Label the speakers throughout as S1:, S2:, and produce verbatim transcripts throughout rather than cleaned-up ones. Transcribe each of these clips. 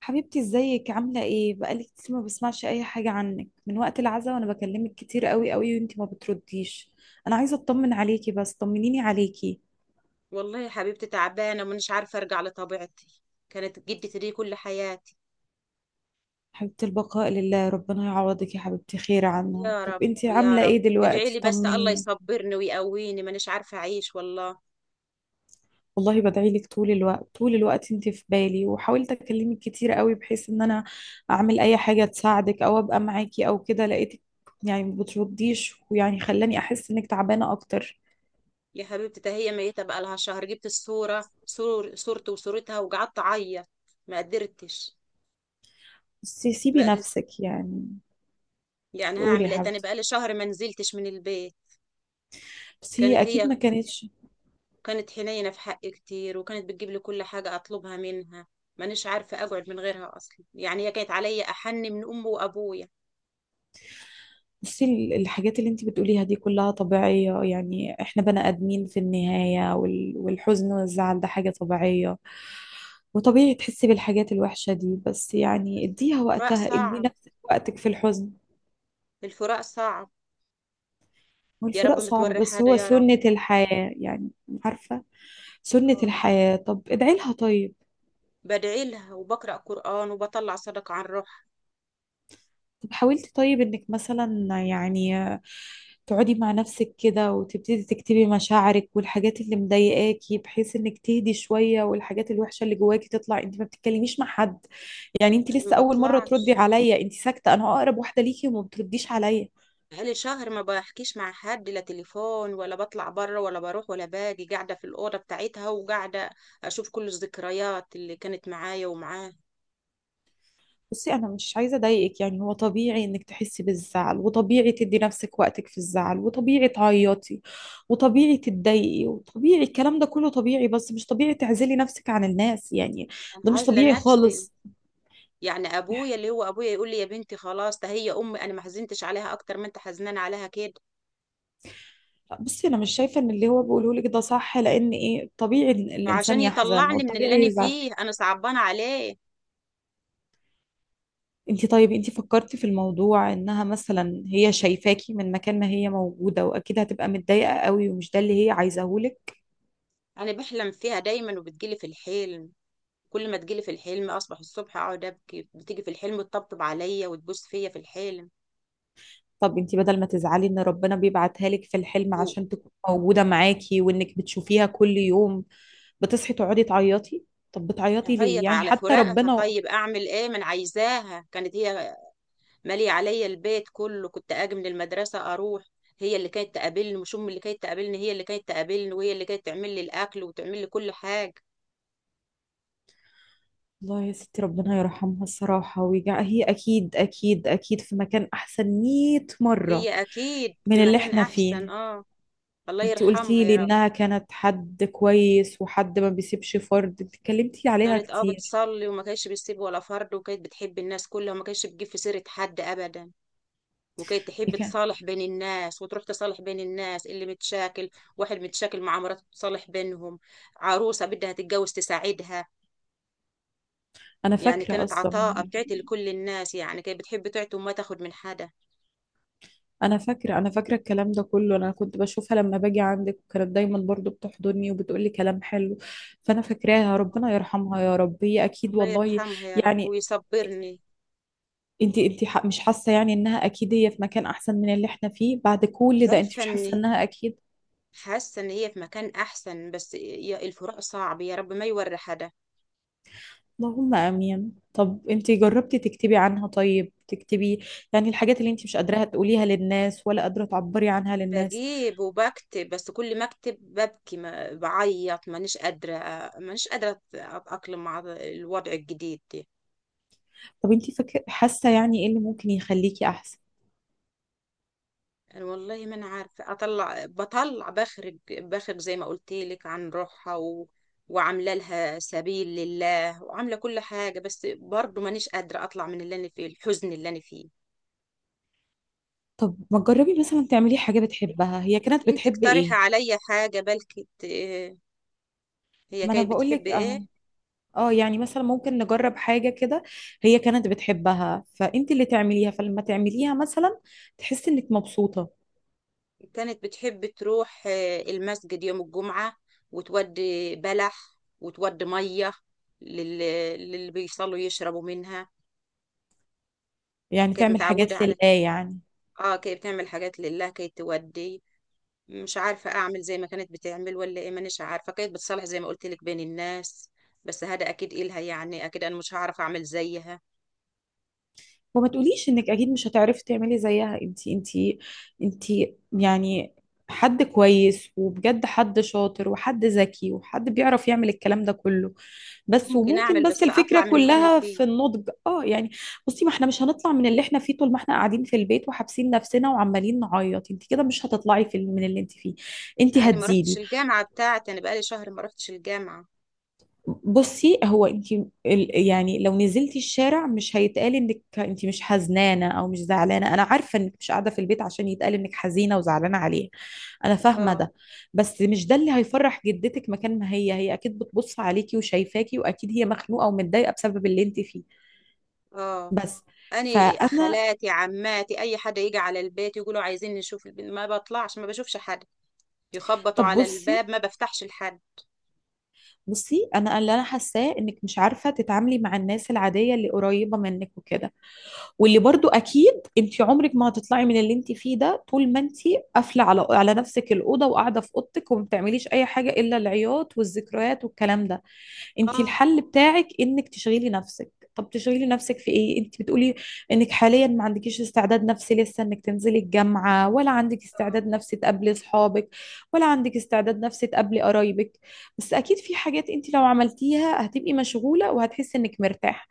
S1: حبيبتي، ازيك؟ عاملة ايه؟ بقالي كتير ما بسمعش اي حاجة عنك من وقت العزاء، وانا بكلمك كتير قوي قوي وانتي ما بترديش. انا عايزة اطمن عليكي، بس طمنيني عليكي.
S2: والله يا حبيبتي، تعبانة ومش عارفة أرجع لطبيعتي. كانت جدتي دي كل حياتي.
S1: حبيبة، البقاء لله، ربنا يعوضك يا حبيبتي خير عنها.
S2: يا
S1: طب
S2: رب
S1: انتي
S2: يا
S1: عاملة
S2: رب.
S1: ايه
S2: ادعي
S1: دلوقتي؟
S2: لي بس الله
S1: طمنيني.
S2: يصبرني ويقويني، مانيش عارفة أعيش والله.
S1: والله بدعي لك طول الوقت طول الوقت، انتي في بالي، وحاولت اكلمك كتير قوي بحيث ان انا اعمل اي حاجة تساعدك او ابقى معاكي او كده. لقيتك يعني ما بترديش، ويعني خلاني احس انك تعبانة اكتر.
S2: يا حبيبتي ده هي ميتة بقى لها شهر. جبت الصورة، صور صورتي وصورتها، وقعدت أعيط. ما قدرتش.
S1: بس
S2: ما
S1: سيبي
S2: قدرت.
S1: نفسك يعني.
S2: يعني
S1: قولي يا
S2: هعمل إيه تاني؟
S1: حبيبتي.
S2: بقى لي شهر ما نزلتش من البيت.
S1: بس هي
S2: كانت
S1: اكيد
S2: هي.
S1: ما كانتش.
S2: كانت حنينة في حقي كتير، وكانت بتجيب لي كل حاجة أطلبها منها. مانيش عارفة أقعد من غيرها أصلا. يعني هي كانت عليا أحن من أمي وأبويا.
S1: بصي ال- الحاجات اللي انت بتقوليها دي كلها طبيعية، يعني احنا بني ادمين في النهاية، وال- والحزن والزعل ده حاجة طبيعية، وطبيعي تحسي بالحاجات الوحشة دي. بس يعني اديها
S2: الفراق
S1: وقتها، ادي
S2: صعب.
S1: نفسك وقتك في الحزن.
S2: الفراق صعب. يا
S1: والفراق
S2: رب
S1: صعب
S2: متوري
S1: بس
S2: حاجة
S1: هو
S2: يا رب.
S1: سنة الحياة يعني. عارفة، سنة
S2: اه.
S1: الحياة. طب ادعي لها طيب.
S2: بدعي لها وبقرأ قرآن وبطلع صدقة عن روحها.
S1: طب حاولتي طيب انك مثلا يعني تقعدي مع نفسك كده وتبتدي تكتبي مشاعرك والحاجات اللي مضايقاكي، بحيث انك تهدي شوية والحاجات الوحشة اللي جواكي تطلع؟ انت ما بتتكلميش مع حد. يعني انت
S2: أنا ما
S1: لسه اول مرة تردي
S2: بطلعش.
S1: عليا، انت ساكتة، انا اقرب واحدة ليكي وما بترديش عليا.
S2: بقالي شهر ما بحكيش مع حد، لا تليفون ولا بطلع بره ولا بروح ولا باجي. قاعدة في الأوضة بتاعتها وقاعدة أشوف كل الذكريات اللي كانت معايا ومعاها.
S1: بصي انا مش عايزه اضايقك، يعني هو طبيعي انك تحسي بالزعل، وطبيعي تدي نفسك وقتك في الزعل، وطبيعي تعيطي وطبيعي تتضايقي، وطبيعي الكلام ده كله طبيعي، بس مش طبيعي تعزلي نفسك عن الناس يعني. ده
S2: أنا
S1: مش
S2: عازلة
S1: طبيعي
S2: نفسي.
S1: خالص.
S2: يعني أبويا اللي هو أبويا يقول لي يا بنتي خلاص، ده هي أمي، أنا ما حزنتش عليها أكتر ما أنت حزنان عليها كده.
S1: بصي انا مش شايفه ان اللي هو بيقوله لك ده صح، لان ايه، طبيعي إن الانسان
S2: عشان
S1: يحزن
S2: يطلعني من اللي
S1: والطبيعي
S2: أنا
S1: يزعل.
S2: فيه، أنا صعبانة عليه.
S1: انت طيب، انت فكرتي في الموضوع انها مثلا هي شايفاكي من مكان ما هي موجوده، واكيد هتبقى متضايقه قوي، ومش ده اللي هي عايزاهولك؟
S2: انا بحلم فيها دايما وبتجيلي في الحلم. كل ما تجيلي في الحلم اصبح الصبح اقعد ابكي. بتيجي في الحلم تطبطب عليا وتبوس فيا في الحلم.
S1: طب انتي بدل ما تزعلي ان ربنا بيبعتها لك في الحلم عشان تكون موجودة معاكي، وانك بتشوفيها كل يوم، بتصحي تقعدي تعيطي. طب بتعيطي ليه
S2: وهعيط
S1: يعني؟
S2: على
S1: حتى
S2: فراقها.
S1: ربنا.
S2: طيب اعمل ايه؟ من عايزاها؟ كانت هي ماليه عليا البيت كله. كنت اجي من المدرسه اروح، هي اللي كانت تقابلني، مش ام اللي كانت تقابلني، هي اللي كانت تقابلني، وهي اللي كانت تعمل لي الاكل وتعمل لي كل حاجه.
S1: الله يا ستي، ربنا يرحمها الصراحة ويجع. هي اكيد اكيد اكيد في مكان احسن 100 مرة
S2: هي اكيد في
S1: من اللي
S2: مكان
S1: احنا
S2: احسن،
S1: فيه.
S2: اه. الله
S1: انتي
S2: يرحمها
S1: قلتي لي
S2: يا رب.
S1: انها كانت حد كويس وحد ما بيسيبش فرد، انتي اتكلمتي عليها
S2: كانت اه
S1: كتير.
S2: بتصلي، وما كانتش بتسيب ولا فرد، وكانت بتحب الناس كلها، وما كانتش بتجيب في سيرة حد ابدا. وكانت
S1: هي
S2: تحب
S1: كان-
S2: تصالح بين الناس، وتروح تصالح بين الناس اللي متشاكل. واحد متشاكل مع مراته تصالح بينهم. عروسة بدها تتجوز تساعدها.
S1: انا
S2: يعني
S1: فاكرة
S2: كانت
S1: اصلا.
S2: عطاءة، بتعطي لكل الناس، يعني كانت بتحب تعطي وما تاخد من حدا.
S1: انا فاكره انا فاكره الكلام ده كله، انا كنت بشوفها لما باجي عندك، وكانت دايما برضو بتحضني وبتقولي كلام حلو، فانا فاكراها. ربنا يرحمها يا رب، هي اكيد
S2: الله
S1: والله.
S2: يرحمها يا رب
S1: يعني
S2: ويصبرني.
S1: انت انت ح- مش حاسه يعني انها اكيد هي في مكان احسن من اللي احنا فيه؟ بعد كل ده انت
S2: عارفة
S1: مش حاسه
S2: ان
S1: انها اكيد؟
S2: حاسة ان هي في مكان احسن، بس يا- الفراق صعب، يا رب ما يوري حدا.
S1: اللهم امين. طب انت جربتي تكتبي عنها؟ طيب تكتبي يعني الحاجات اللي انت مش قادره تقوليها للناس، ولا قادره تعبري عنها للناس.
S2: بجيب وبكتب، بس كل ما اكتب ببكي، ما بعيط، مانيش قادرة. مانيش قادرة أت- أتأقلم مع الوضع الجديد ده.
S1: طب انت فاكره حاسه يعني ايه اللي ممكن يخليكي احسن؟
S2: أنا والله ما أنا عارفة أطلع. بطلع بخرج بخرج زي ما قلت لك، عن روحها و... وعاملة لها سبيل لله، وعاملة كل حاجة، بس برضه مانيش قادرة أطلع من اللي أنا فيه، الحزن اللي أنا فيه.
S1: طب ما تجربي مثلا تعملي حاجة بتحبها؟ هي كانت
S2: أنت
S1: بتحب
S2: اقترحي
S1: ايه؟
S2: عليا حاجة بلكي ت- هي
S1: ما انا
S2: كانت بتحب
S1: بقولك
S2: إيه؟
S1: اهو. اه، يعني مثلا ممكن نجرب حاجة كده هي كانت بتحبها، فانت اللي تعمليها، فلما تعمليها مثلا تحسي انك مبسوطة.
S2: كانت بتحب تروح آه، المسجد يوم الجمعة، وتودي بلح وتودي مية لل- للي بيصلوا يشربوا منها.
S1: يعني
S2: كانت
S1: تعمل
S2: متعودة
S1: حاجات
S2: على
S1: لله
S2: كده.
S1: يعني.
S2: اه كانت بتعمل حاجات لله، كانت تودي. مش عارفة أعمل زي ما كانت بتعمل ولا إيه. مانيش عارفة. كانت بتصلح زي ما قلت لك بين الناس. بس هذا أكيد إلها، يعني أكيد أنا مش هعرف أعمل زيها.
S1: وما تقوليش انك اكيد مش هتعرفي تعملي زيها. انت انت انت يعني حد كويس، وبجد حد شاطر وحد ذكي وحد بيعرف يعمل الكلام ده كله. بس
S2: ممكن
S1: وممكن
S2: أعمل
S1: بس
S2: بس
S1: الفكرة
S2: أطلع من اللي أنا
S1: كلها
S2: فيه.
S1: في النضج، اه يعني. بصي ما احنا مش هنطلع من اللي احنا فيه طول ما احنا قاعدين في البيت وحابسين نفسنا وعمالين نعيط. انت كده مش هتطلعي في من اللي انت فيه، انت
S2: أنا ما رحتش
S1: هتزيدي.
S2: الجامعة بتاعتي، أنا بقالي شهر ما رحتش الجامعة.
S1: بصي هو انت، ال- يعني لو نزلتي الشارع مش هيتقال انك انت مش حزنانة او مش زعلانة. انا عارفة انك مش قاعدة في البيت عشان يتقال انك حزينة وزعلانة عليه، انا فاهمة
S2: اه.
S1: ده. بس مش ده اللي هيفرح جدتك. مكان ما هي، هي اكيد بتبص عليكي وشايفاكي، واكيد هي مخنوقة ومتضايقة بسبب اللي انت فيه.
S2: اه.
S1: بس
S2: اني
S1: فانا
S2: خالاتي عماتي اي حد يجي على البيت يقولوا عايزين نشوف البنت، ما بطلعش ما بشوفش حد. يخبطوا
S1: طب
S2: على
S1: بصي
S2: الباب ما بفتحش لحد.
S1: بصي انا اللي انا حاساه انك مش عارفه تتعاملي مع الناس العاديه اللي قريبه منك وكده. واللي برضو اكيد انت عمرك ما هتطلعي من اللي انت فيه ده طول ما انت قافله على على نفسك الاوضه، وقاعده في اوضتك، وما بتعمليش اي حاجه الا العياط والذكريات والكلام ده. انت
S2: اه.
S1: الحل بتاعك انك تشغلي نفسك. طب تشغلي نفسك في ايه؟ انت بتقولي انك حاليا ما عندكيش استعداد نفسي لسه انك تنزلي الجامعة، ولا عندك استعداد نفسي تقابلي اصحابك، ولا عندك استعداد نفسي تقابلي قرايبك. بس اكيد في حاجات انت لو عملتيها هتبقي مشغولة وهتحسي انك مرتاحة.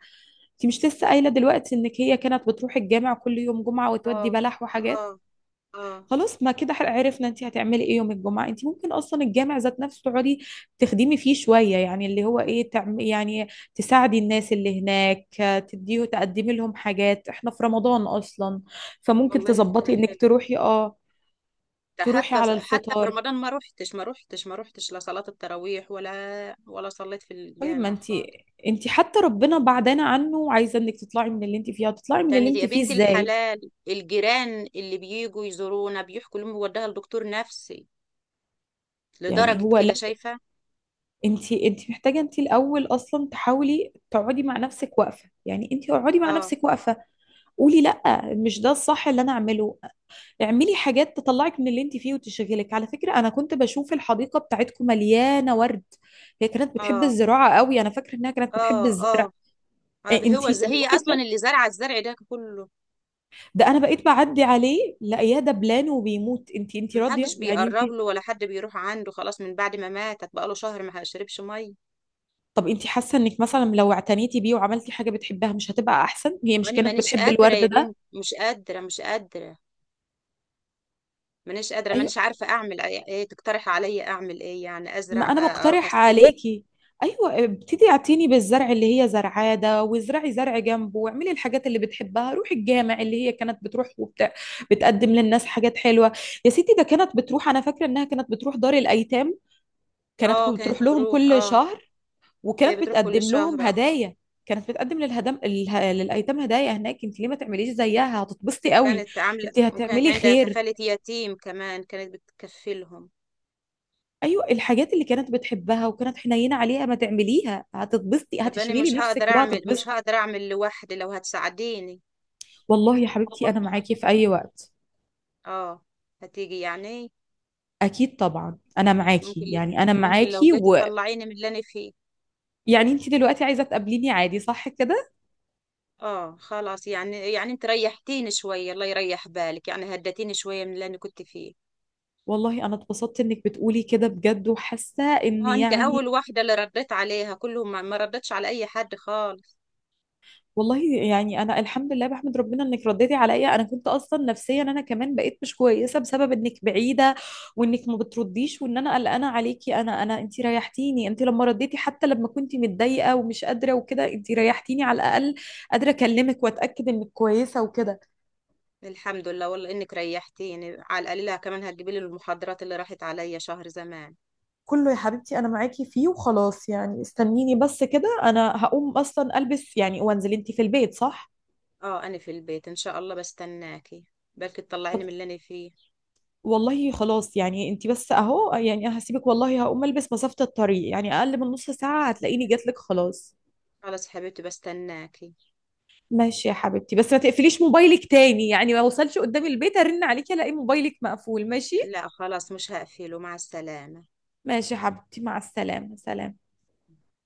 S1: انت مش لسه قايلة دلوقتي انك هي كانت بتروح الجامع كل يوم جمعة وتودي
S2: اه.
S1: بلح وحاجات؟
S2: اه. اه.
S1: خلاص ما كده حق- عرفنا انت هتعملي ايه يوم الجمعه. انت ممكن اصلا الجامع ذات نفسه تقعدي تخدمي فيه شويه، يعني اللي هو ايه، تعم يعني تساعدي الناس اللي هناك، آه، تديه تقدمي لهم حاجات، احنا في رمضان اصلا، فممكن
S2: والله فكرة
S1: تظبطي انك
S2: حلوة.
S1: تروحي، اه،
S2: ده
S1: تروحي
S2: حتى
S1: على
S2: حتى في
S1: الفطار.
S2: رمضان ما روحتش، ما روحتش، ما روحتش، لا صلاة التراويح ولا ولا صليت في
S1: طيب ما
S2: الجامع
S1: انت،
S2: خالص.
S1: انت حتى ربنا بعدنا عنه، وعايزه انك تطلعي من اللي انت فيه. هتطلعي من اللي
S2: تاني
S1: انت
S2: يا
S1: فيه
S2: بنت
S1: ازاي؟
S2: الحلال الجيران اللي بيجوا يزورونا بيحكوا لهم وداها لدكتور نفسي،
S1: يعني
S2: لدرجة
S1: هو
S2: كده
S1: لا،
S2: شايفة.
S1: انت انت محتاجه انت الاول اصلا تحاولي تقعدي مع نفسك واقفه، يعني انت اقعدي مع
S2: اه.
S1: نفسك واقفه، قولي لا مش ده الصح اللي انا اعمله. اعملي حاجات تطلعك من اللي انت فيه وتشغلك. على فكرة انا كنت بشوف الحديقة بتاعتكم مليانة ورد، هي كانت بتحب
S2: اه.
S1: الزراعة قوي، انا فاكرة انها كانت بتحب
S2: اه.
S1: الزرع.
S2: آه. آه،
S1: انت
S2: هو زي هي اصلا
S1: الورد
S2: اللي زرعه الزرع ده كله.
S1: ده انا بقيت بعدي عليه لاقياه دبلان وبيموت. انت انت
S2: محدش
S1: راضية يعني انت؟
S2: بيقرب له ولا حد بيروح عنده خلاص، من بعد ما ماتت بقاله شهر ما شربش ميه.
S1: طب انت حاسة انك مثلا لو اعتنيتي بيه وعملتي حاجة بتحبها مش هتبقى احسن؟ هي مش
S2: وانا
S1: كانت
S2: مانيش
S1: بتحب
S2: قادره
S1: الورد
S2: يا
S1: ده؟
S2: بنت، مش قادره مش قادره. مانيش قادره،
S1: ايوه،
S2: مانيش عارفه اعمل ايه. إيه تقترح عليا اعمل ايه؟ يعني
S1: ما
S2: ازرع،
S1: انا
S2: آه، اروح
S1: بقترح
S2: أس ايه.
S1: عليكي. ايوه، ابتدي اعتني بالزرع اللي هي زرعاه ده، وازرعي زرع جنبه، واعملي الحاجات اللي بتحبها. روحي الجامع اللي هي كانت بتروح وبت... بتقدم للناس حاجات حلوه. يا ستي، ده كانت بتروح، انا فاكره انها كانت بتروح دار الايتام، كانت
S2: اه
S1: كو-
S2: كانت
S1: بتروح لهم
S2: بتروح،
S1: كل
S2: اه.
S1: شهر
S2: كانت
S1: وكانت
S2: بتروح كل
S1: بتقدم لهم
S2: شهر، اه.
S1: هدايا. كانت بتقدم للهدم اله- للايتام هدايا هناك. انت ليه ما تعمليش زيها؟ هتتبسطي قوي،
S2: وكانت عامله،
S1: انت
S2: وكانت
S1: هتعملي
S2: عندها
S1: خير.
S2: كفاله يتيم كمان، كانت بتكفلهم.
S1: ايوه الحاجات اللي كانت بتحبها وكانت حنينه عليها ما تعمليها، هتتبسطي،
S2: طب انا
S1: هتشغلي
S2: مش
S1: نفسك
S2: هقدر اعمل، مش
S1: وهتتبسطي.
S2: هقدر اعمل لوحدي، لو هتساعديني.
S1: والله يا حبيبتي
S2: والله
S1: انا
S2: يا
S1: معاكي
S2: حبيبتي.
S1: في اي وقت.
S2: اه. هتيجي يعني؟
S1: اكيد طبعا انا
S2: ممكن.
S1: معاكي، يعني انا
S2: ممكن لو
S1: معاكي
S2: جيت
S1: ويعني.
S2: تطلعيني من اللي انا فيه.
S1: انت دلوقتي عايزه تقابليني عادي، صح كده؟
S2: اه خلاص يعني. يعني انت ريحتيني شوية، الله يريح بالك، يعني هدتيني شوية من اللي انا كنت فيه.
S1: والله انا اتبسطت انك بتقولي كده بجد، وحاسه ان
S2: اه انت اول
S1: يعني.
S2: واحدة اللي رديت عليها، كلهم ما ما ردتش على اي حد خالص.
S1: والله يعني انا الحمد لله بحمد ربنا انك رديتي عليا. انا كنت اصلا نفسيا انا كمان بقيت مش كويسه بسبب انك بعيده، وانك ما بترديش، وان انا قلقانه عليكي. انا انا انت ريحتيني. انت لما رديتي حتى لما كنت متضايقه ومش قادره وكده، انت ريحتيني على الاقل قادره اكلمك واتاكد انك كويسه وكده.
S2: الحمد لله، والله انك ريحتيني على القليلة. كمان هتجيبي لي المحاضرات اللي راحت عليا شهر زمان.
S1: كله يا حبيبتي انا معاكي فيه، وخلاص يعني استنيني بس كده. انا هقوم اصلا البس يعني وانزل. انت في البيت صح؟
S2: اه انا في البيت، ان شاء الله بستناكي. بلكي تطلعيني من اللي انا فيه.
S1: والله خلاص يعني، انت بس اهو يعني، انا هسيبك والله، هقوم البس، مسافة الطريق يعني اقل من نص ساعة هتلاقيني جاتلك خلاص.
S2: خلاص يا حبيبتي بستناكي.
S1: ماشي يا حبيبتي، بس ما تقفليش موبايلك تاني، يعني ما اوصلش قدام البيت ارن عليكي الاقي موبايلك مقفول. ماشي،
S2: لا خلاص مش هقفله. مع السلامة.
S1: ماشي يا حبيبتي، مع السلامة، سلام.